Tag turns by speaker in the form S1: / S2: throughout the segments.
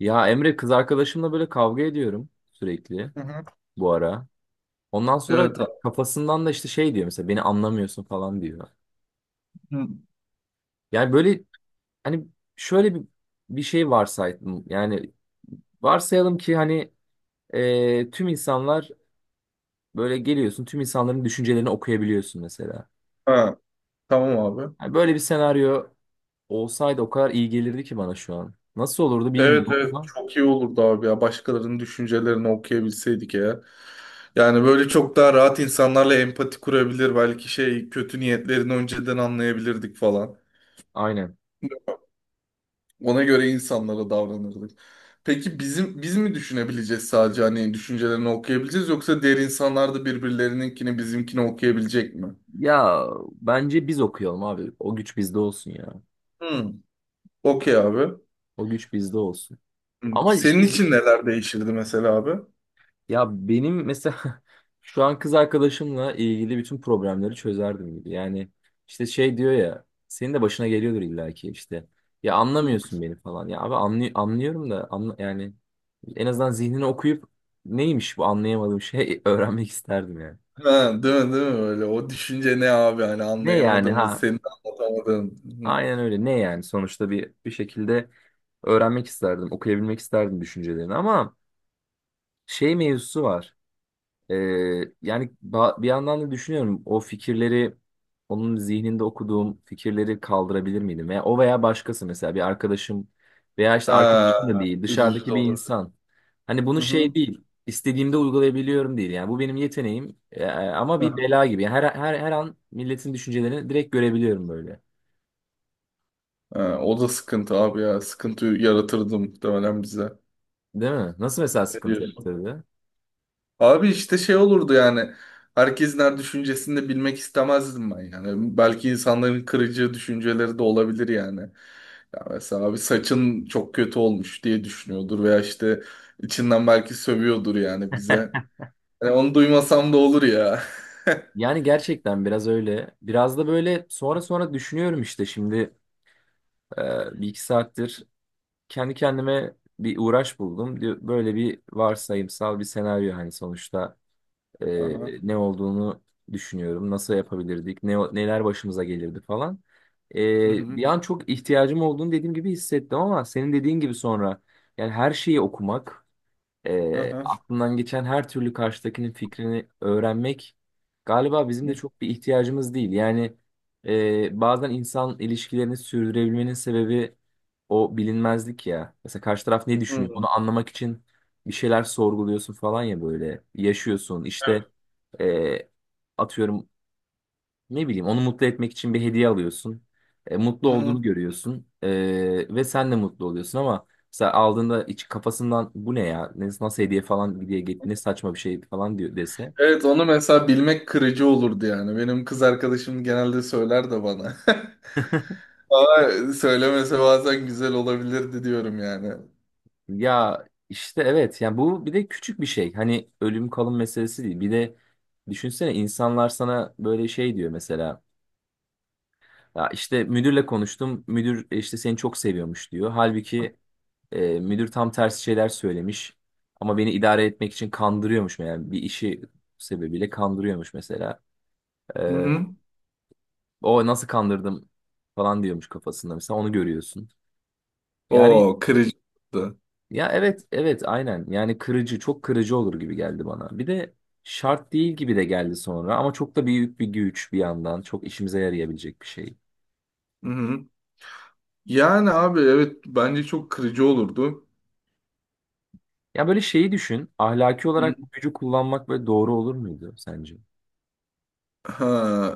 S1: Ya Emre, kız arkadaşımla böyle kavga ediyorum sürekli
S2: Hı hı.
S1: bu ara. Ondan sonra
S2: Evet abi.
S1: kafasından da işte şey diyor mesela, beni anlamıyorsun falan diyor.
S2: Hı.
S1: Yani böyle hani şöyle bir, bir şey varsaydım. Yani varsayalım ki hani tüm insanlar böyle geliyorsun, tüm insanların düşüncelerini okuyabiliyorsun mesela.
S2: Ha, tamam abi.
S1: Yani böyle bir senaryo olsaydı o kadar iyi gelirdi ki bana şu an. Nasıl olurdu bilmiyorum
S2: Evet, evet,
S1: ama
S2: çok iyi olurdu abi ya. Başkalarının düşüncelerini okuyabilseydik ya. Yani böyle çok daha rahat insanlarla empati kurabilir. Belki şey kötü niyetlerini önceden anlayabilirdik falan.
S1: aynen.
S2: Ona göre insanlara davranırdık. Peki bizim biz mi düşünebileceğiz sadece, hani düşüncelerini okuyabileceğiz, yoksa diğer insanlar da birbirlerininkini bizimkini okuyabilecek mi?
S1: Ya bence biz okuyalım abi. O güç bizde olsun ya.
S2: Hmm. Okey abi.
S1: O güç bizde olsun.
S2: Hmm.
S1: Ama
S2: Senin için neler değişirdi mesela abi?
S1: ya benim mesela şu an kız arkadaşımla ilgili bütün problemleri çözerdim gibi. Yani işte şey diyor ya, senin de başına geliyordur illaki işte. Ya anlamıyorsun beni falan. Ya abi, anlıyorum da, anla yani. En azından zihnini okuyup neymiş bu anlayamadığım şey öğrenmek isterdim yani.
S2: Ha, değil mi, değil mi öyle? O düşünce ne abi, hani
S1: Ne yani
S2: anlayamadığımız,
S1: ha?
S2: senin anlatamadığın. Hı.
S1: Aynen öyle. Ne yani? Sonuçta bir bir şekilde öğrenmek isterdim, okuyabilmek isterdim düşüncelerini, ama şey mevzusu var. Ee, Yani bir yandan da düşünüyorum, o fikirleri, onun zihninde okuduğum fikirleri kaldırabilir miydim? Veya o veya başkası, mesela bir arkadaşım veya işte
S2: Ha,
S1: arkadaşım da değil,
S2: üzücü
S1: dışarıdaki
S2: de
S1: bir
S2: olur.
S1: insan. Hani bunu şey
S2: Hı-hı.
S1: değil, istediğimde uygulayabiliyorum değil, yani bu benim yeteneğim. Ama bir
S2: Ha,
S1: bela gibi. Yani her an milletin düşüncelerini direkt görebiliyorum böyle.
S2: ha, o da sıkıntı abi ya. Sıkıntı yaratırdı muhtemelen bize.
S1: Değil mi? Nasıl mesela
S2: Ne
S1: sıkıntı
S2: diyorsun?
S1: yaptırdı?
S2: Abi işte şey olurdu yani. Herkesin her düşüncesini de bilmek istemezdim ben yani. Belki insanların kırıcı düşünceleri de olabilir yani. Ya mesela abi saçın çok kötü olmuş diye düşünüyordur veya işte içinden belki sövüyordur yani bize. Yani onu duymasam da olur ya.
S1: Yani gerçekten biraz öyle. Biraz da böyle sonra düşünüyorum, işte şimdi e, bir iki saattir kendi kendime bir uğraş buldum. Böyle bir varsayımsal bir senaryo, hani sonuçta e,
S2: Aha.
S1: ne olduğunu düşünüyorum. Nasıl yapabilirdik? Neler başımıza gelirdi falan.
S2: Hı
S1: E, bir
S2: hı.
S1: an çok ihtiyacım olduğunu, dediğim gibi, hissettim, ama senin dediğin gibi sonra yani her şeyi okumak,
S2: Aha.
S1: aklından geçen her türlü karşıdakinin fikrini öğrenmek galiba bizim de
S2: Hı
S1: çok bir ihtiyacımız değil. Yani bazen insan ilişkilerini sürdürebilmenin sebebi o bilinmezlik ya. Mesela karşı taraf ne düşünüyor,
S2: hı.
S1: onu anlamak için bir şeyler sorguluyorsun falan ya, böyle yaşıyorsun. İşte
S2: Evet.
S1: e, atıyorum, ne bileyim, onu mutlu etmek için bir hediye alıyorsun. E, mutlu
S2: Hı hı.
S1: olduğunu görüyorsun. E, ve sen de mutlu oluyorsun, ama mesela aldığında iç kafasından bu ne ya? Nasıl hediye falan diye, git ne saçma bir şey falan diyor dese.
S2: Evet, onu mesela bilmek kırıcı olurdu yani. Benim kız arkadaşım genelde söyler de bana. Ama söylemese bazen güzel olabilirdi diyorum yani.
S1: Ya işte evet, yani bu bir de küçük bir şey. Hani ölüm kalım meselesi değil. Bir de düşünsene, insanlar sana böyle şey diyor mesela. Ya işte müdürle konuştum. Müdür işte seni çok seviyormuş diyor. Halbuki müdür tam tersi şeyler söylemiş. Ama beni idare etmek için kandırıyormuş, yani bir işi sebebiyle kandırıyormuş mesela. Ee,
S2: Hı hı.
S1: O nasıl kandırdım falan diyormuş kafasında, mesela onu görüyorsun. Yani
S2: O kırıcı olurdu.
S1: ya evet, evet, aynen, yani kırıcı, çok kırıcı olur gibi geldi bana. Bir de şart değil gibi de geldi sonra, ama çok da büyük bir güç, bir yandan çok işimize yarayabilecek bir şey.
S2: Hı hı. Yani abi evet, bence çok kırıcı olurdu.
S1: Ya böyle şeyi düşün, ahlaki
S2: Hı hı.
S1: olarak bu gücü kullanmak böyle doğru olur muydu sence?
S2: Ha,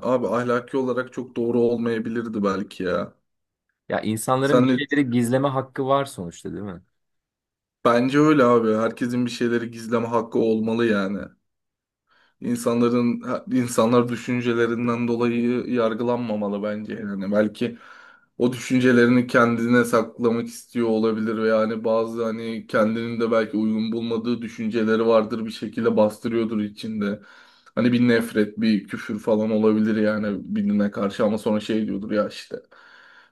S2: abi ahlaki olarak çok doğru olmayabilirdi belki ya.
S1: Ya insanların bir
S2: Sen de
S1: şeyleri gizleme hakkı var sonuçta, değil mi?
S2: bence öyle abi. Herkesin bir şeyleri gizleme hakkı olmalı yani. İnsanların insanlar düşüncelerinden dolayı yargılanmamalı bence. Yani belki o düşüncelerini kendine saklamak istiyor olabilir ve yani bazı hani kendinin de belki uygun bulmadığı düşünceleri vardır, bir şekilde bastırıyordur içinde. Hani bir nefret, bir küfür falan olabilir yani birine karşı, ama sonra şey diyordur ya işte,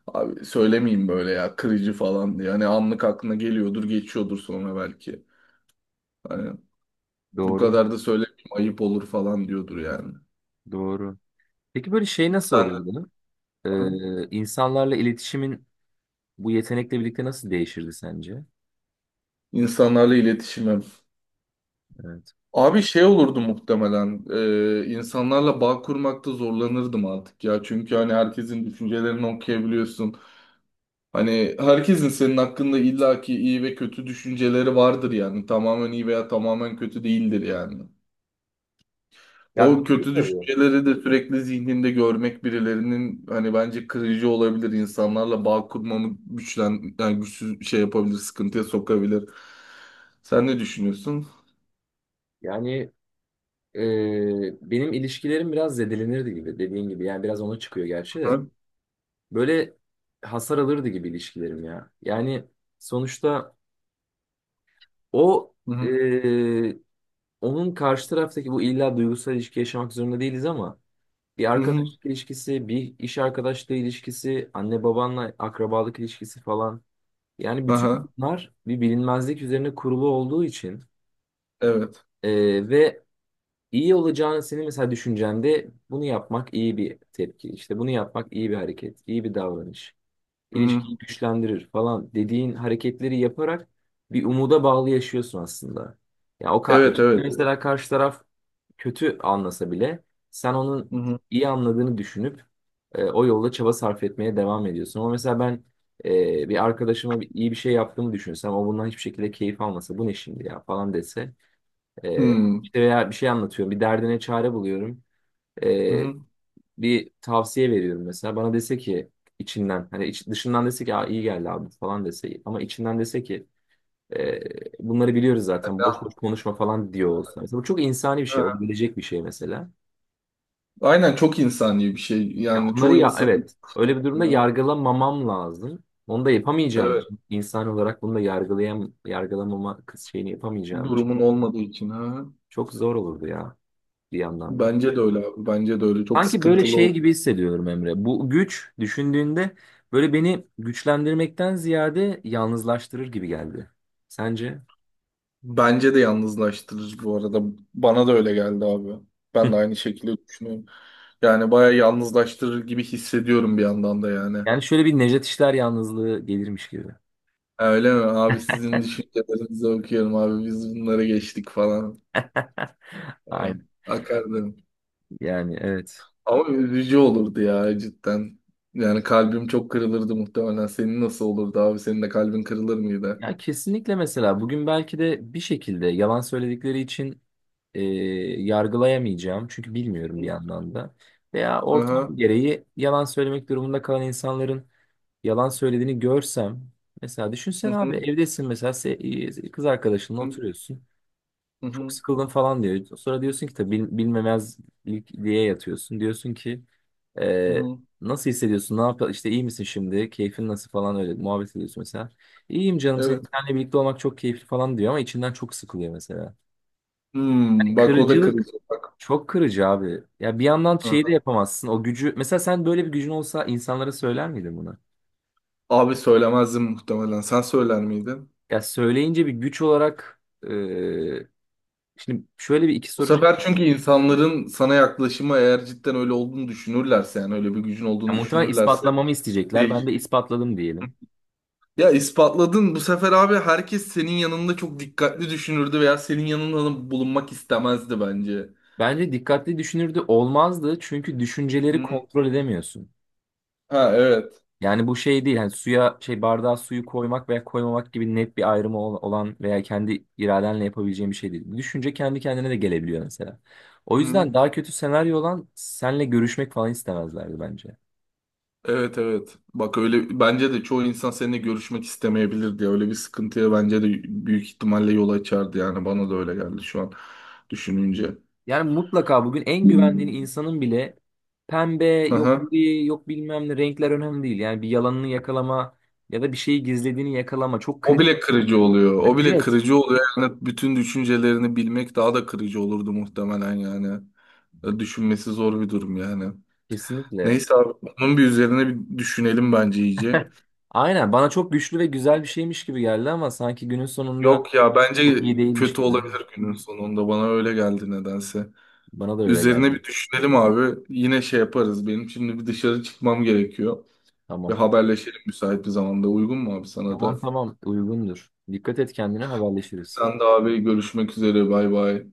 S2: abi söylemeyeyim, böyle ya kırıcı falan diye. Hani anlık aklına geliyordur, geçiyordur sonra belki. Hani bu
S1: Doğru,
S2: kadar da söylemeyeyim, ayıp olur falan diyordur yani.
S1: doğru. Peki böyle şey nasıl
S2: Sen de
S1: olurdu?
S2: canım.
S1: İnsanlarla iletişimin bu yetenekle birlikte nasıl değişirdi sence?
S2: İnsanlarla iletişimim.
S1: Evet.
S2: Abi şey olurdu muhtemelen. İnsanlarla bağ kurmakta zorlanırdım artık ya. Çünkü hani herkesin düşüncelerini okuyabiliyorsun. Hani herkesin senin hakkında illaki iyi ve kötü düşünceleri vardır yani. Tamamen iyi veya tamamen kötü değildir yani.
S1: Ya
S2: O
S1: doğru
S2: kötü
S1: tabii.
S2: düşünceleri de sürekli zihninde görmek birilerinin hani bence kırıcı olabilir. İnsanlarla bağ kurmamı yani güçsüz şey yapabilir, sıkıntıya sokabilir. Sen ne düşünüyorsun?
S1: Yani benim ilişkilerim biraz zedelenirdi gibi, dediğin gibi. Yani biraz ona çıkıyor gerçi de.
S2: Ha?
S1: Böyle hasar alırdı gibi ilişkilerim ya. Yani sonuçta o
S2: Hı
S1: e,
S2: hı.
S1: onun karşı taraftaki, bu illa duygusal ilişki yaşamak zorunda değiliz, ama bir
S2: Hı hı.
S1: arkadaşlık ilişkisi, bir iş arkadaşlığı ilişkisi, anne babanla akrabalık ilişkisi falan. Yani bütün
S2: Aha.
S1: bunlar bir bilinmezlik üzerine kurulu olduğu için
S2: Evet.
S1: ve iyi olacağını, senin mesela düşüncende bunu yapmak iyi bir tepki. İşte bunu yapmak iyi bir hareket, iyi bir davranış,
S2: Hı hı.
S1: ilişkiyi güçlendirir falan dediğin hareketleri yaparak bir umuda bağlı yaşıyorsun aslında. Ya
S2: Evet,
S1: içinde,
S2: evet.
S1: mesela karşı taraf kötü anlasa bile, sen onun
S2: Hı hı.
S1: iyi anladığını düşünüp o yolda çaba sarf etmeye devam ediyorsun. Ama mesela ben bir arkadaşıma bir, iyi bir şey yaptığımı düşünsem, o bundan hiçbir şekilde keyif almasa, bu ne şimdi ya falan dese, e,
S2: Hmm.
S1: işte veya bir şey anlatıyorum, bir derdine çare buluyorum,
S2: Hı
S1: E,
S2: hı.
S1: bir tavsiye veriyorum mesela, bana dese ki içinden, hani dışından dese ki, aa, iyi geldi abi falan dese, ama içinden dese ki e, bunları biliyoruz zaten, boş boş
S2: Yani.
S1: konuşma falan diyor olsa. Mesela bu çok insani bir
S2: Hı
S1: şey,
S2: hı.
S1: olabilecek bir şey mesela.
S2: Aynen, çok insani bir şey.
S1: Ya
S2: Yani
S1: onları,
S2: çoğu
S1: ya
S2: insanın,
S1: evet, öyle bir durumda yargılamamam lazım. Onu da yapamayacağım
S2: evet,
S1: için, insan olarak bunu da yargılamama kız şeyini yapamayacağım için
S2: durumun olmadığı için ha.
S1: çok zor olurdu ya, bir yandan da.
S2: Bence de öyle abi. Bence de öyle. Çok
S1: Sanki böyle
S2: sıkıntılı ol.
S1: şey gibi hissediyorum Emre. Bu güç, düşündüğünde böyle beni güçlendirmekten ziyade yalnızlaştırır gibi geldi. Sence?
S2: Bence de yalnızlaştırır bu arada. Bana da öyle geldi abi. Ben de aynı şekilde düşünüyorum. Yani bayağı yalnızlaştırır gibi hissediyorum bir yandan da yani.
S1: Yani şöyle bir Nejat İşler yalnızlığı gelirmiş gibi.
S2: Öyle mi? Abi sizin düşüncelerinizi okuyorum abi. Biz bunlara geçtik falan.
S1: Aynen.
S2: Akardım.
S1: Yani evet.
S2: Ama üzücü olurdu ya cidden. Yani kalbim çok kırılırdı muhtemelen. Senin nasıl olurdu abi? Senin de kalbin kırılır mıydı?
S1: Ya kesinlikle, mesela bugün belki de bir şekilde yalan söyledikleri için e, yargılayamayacağım. Çünkü
S2: Hı
S1: bilmiyorum bir
S2: hı.
S1: yandan da. Veya ortam
S2: Aha.
S1: gereği yalan söylemek durumunda kalan insanların yalan söylediğini görsem. Mesela
S2: Hı
S1: düşünsene
S2: hı.
S1: abi, evdesin mesela, kız arkadaşınla oturuyorsun.
S2: Hı
S1: Çok
S2: hı.
S1: sıkıldın falan diyor. Sonra diyorsun ki, tabii bilmemezlik diye yatıyorsun. Diyorsun ki
S2: Hı
S1: ee,
S2: hı.
S1: nasıl hissediyorsun? Ne yapıyor? İşte iyi misin şimdi? Keyfin nasıl falan, öyle muhabbet ediyorsun mesela. İyiyim canım, senin
S2: Evet.
S1: seninle birlikte olmak çok keyifli falan diyor, ama içinden çok sıkılıyor mesela. Yani
S2: Hmm, bak o da
S1: kırıcılık,
S2: kırılacak. Bak.
S1: çok kırıcı abi. Ya bir yandan şeyi de
S2: Aha.
S1: yapamazsın. O gücü, mesela sen böyle bir gücün olsa insanlara söyler miydin bunu?
S2: Abi söylemezdim muhtemelen. Sen söyler miydin?
S1: Ya söyleyince bir güç olarak e, şimdi şöyle bir iki
S2: Bu
S1: soru.
S2: sefer çünkü insanların sana yaklaşımı, eğer cidden öyle olduğunu düşünürlerse, yani öyle bir gücün
S1: Ya
S2: olduğunu
S1: muhtemelen
S2: düşünürlerse
S1: ispatlamamı isteyecekler. Ben
S2: değişir.
S1: de ispatladım diyelim.
S2: Ya ispatladın, bu sefer abi herkes senin yanında çok dikkatli düşünürdü veya senin yanında bulunmak istemezdi bence.
S1: Bence dikkatli düşünürdü, olmazdı, çünkü
S2: Hı
S1: düşünceleri
S2: hı.
S1: kontrol edemiyorsun.
S2: Ha, evet.
S1: Yani bu şey değil. Hani suya şey, bardağa suyu koymak veya koymamak gibi net bir ayrımı olan veya kendi iradenle yapabileceğin bir şey değil. Düşünce kendi kendine de gelebiliyor mesela.
S2: Hı
S1: O
S2: hı.
S1: yüzden daha kötü senaryo, olan senle görüşmek falan istemezlerdi bence.
S2: Evet, evet. Bak öyle, bence de çoğu insan seninle görüşmek istemeyebilirdi ya. Öyle bir sıkıntıya bence de büyük ihtimalle yol açardı yani, bana da öyle geldi şu an düşününce.
S1: Yani mutlaka bugün en güvendiğin insanın bile pembe,
S2: Hı
S1: yok
S2: hı.
S1: gri, yok bilmem ne, renkler önemli değil. Yani bir yalanını yakalama ya da bir şeyi gizlediğini yakalama çok
S2: O
S1: kritik.
S2: bile kırıcı oluyor. O
S1: Yani
S2: bile
S1: evet.
S2: kırıcı oluyor. Yani bütün düşüncelerini bilmek daha da kırıcı olurdu muhtemelen yani. Düşünmesi zor bir durum yani.
S1: Kesinlikle.
S2: Neyse abi, onun bir üzerine bir düşünelim bence iyice.
S1: Aynen bana çok güçlü ve güzel bir şeymiş gibi geldi, ama sanki günün sonunda
S2: Yok ya, bence
S1: çok iyi değilmiş
S2: kötü
S1: gibi, değil mi?
S2: olabilir günün sonunda, bana öyle geldi nedense.
S1: Bana da öyle geldi.
S2: Üzerine bir düşünelim abi. Yine şey yaparız. Benim şimdi bir dışarı çıkmam gerekiyor. Ve
S1: Tamam.
S2: haberleşelim müsait bir zamanda. Uygun mu abi sana da?
S1: Tamam, tamam, uygundur. Dikkat et kendine, haberleşiriz.
S2: Sen de abi, görüşmek üzere. Bay bay.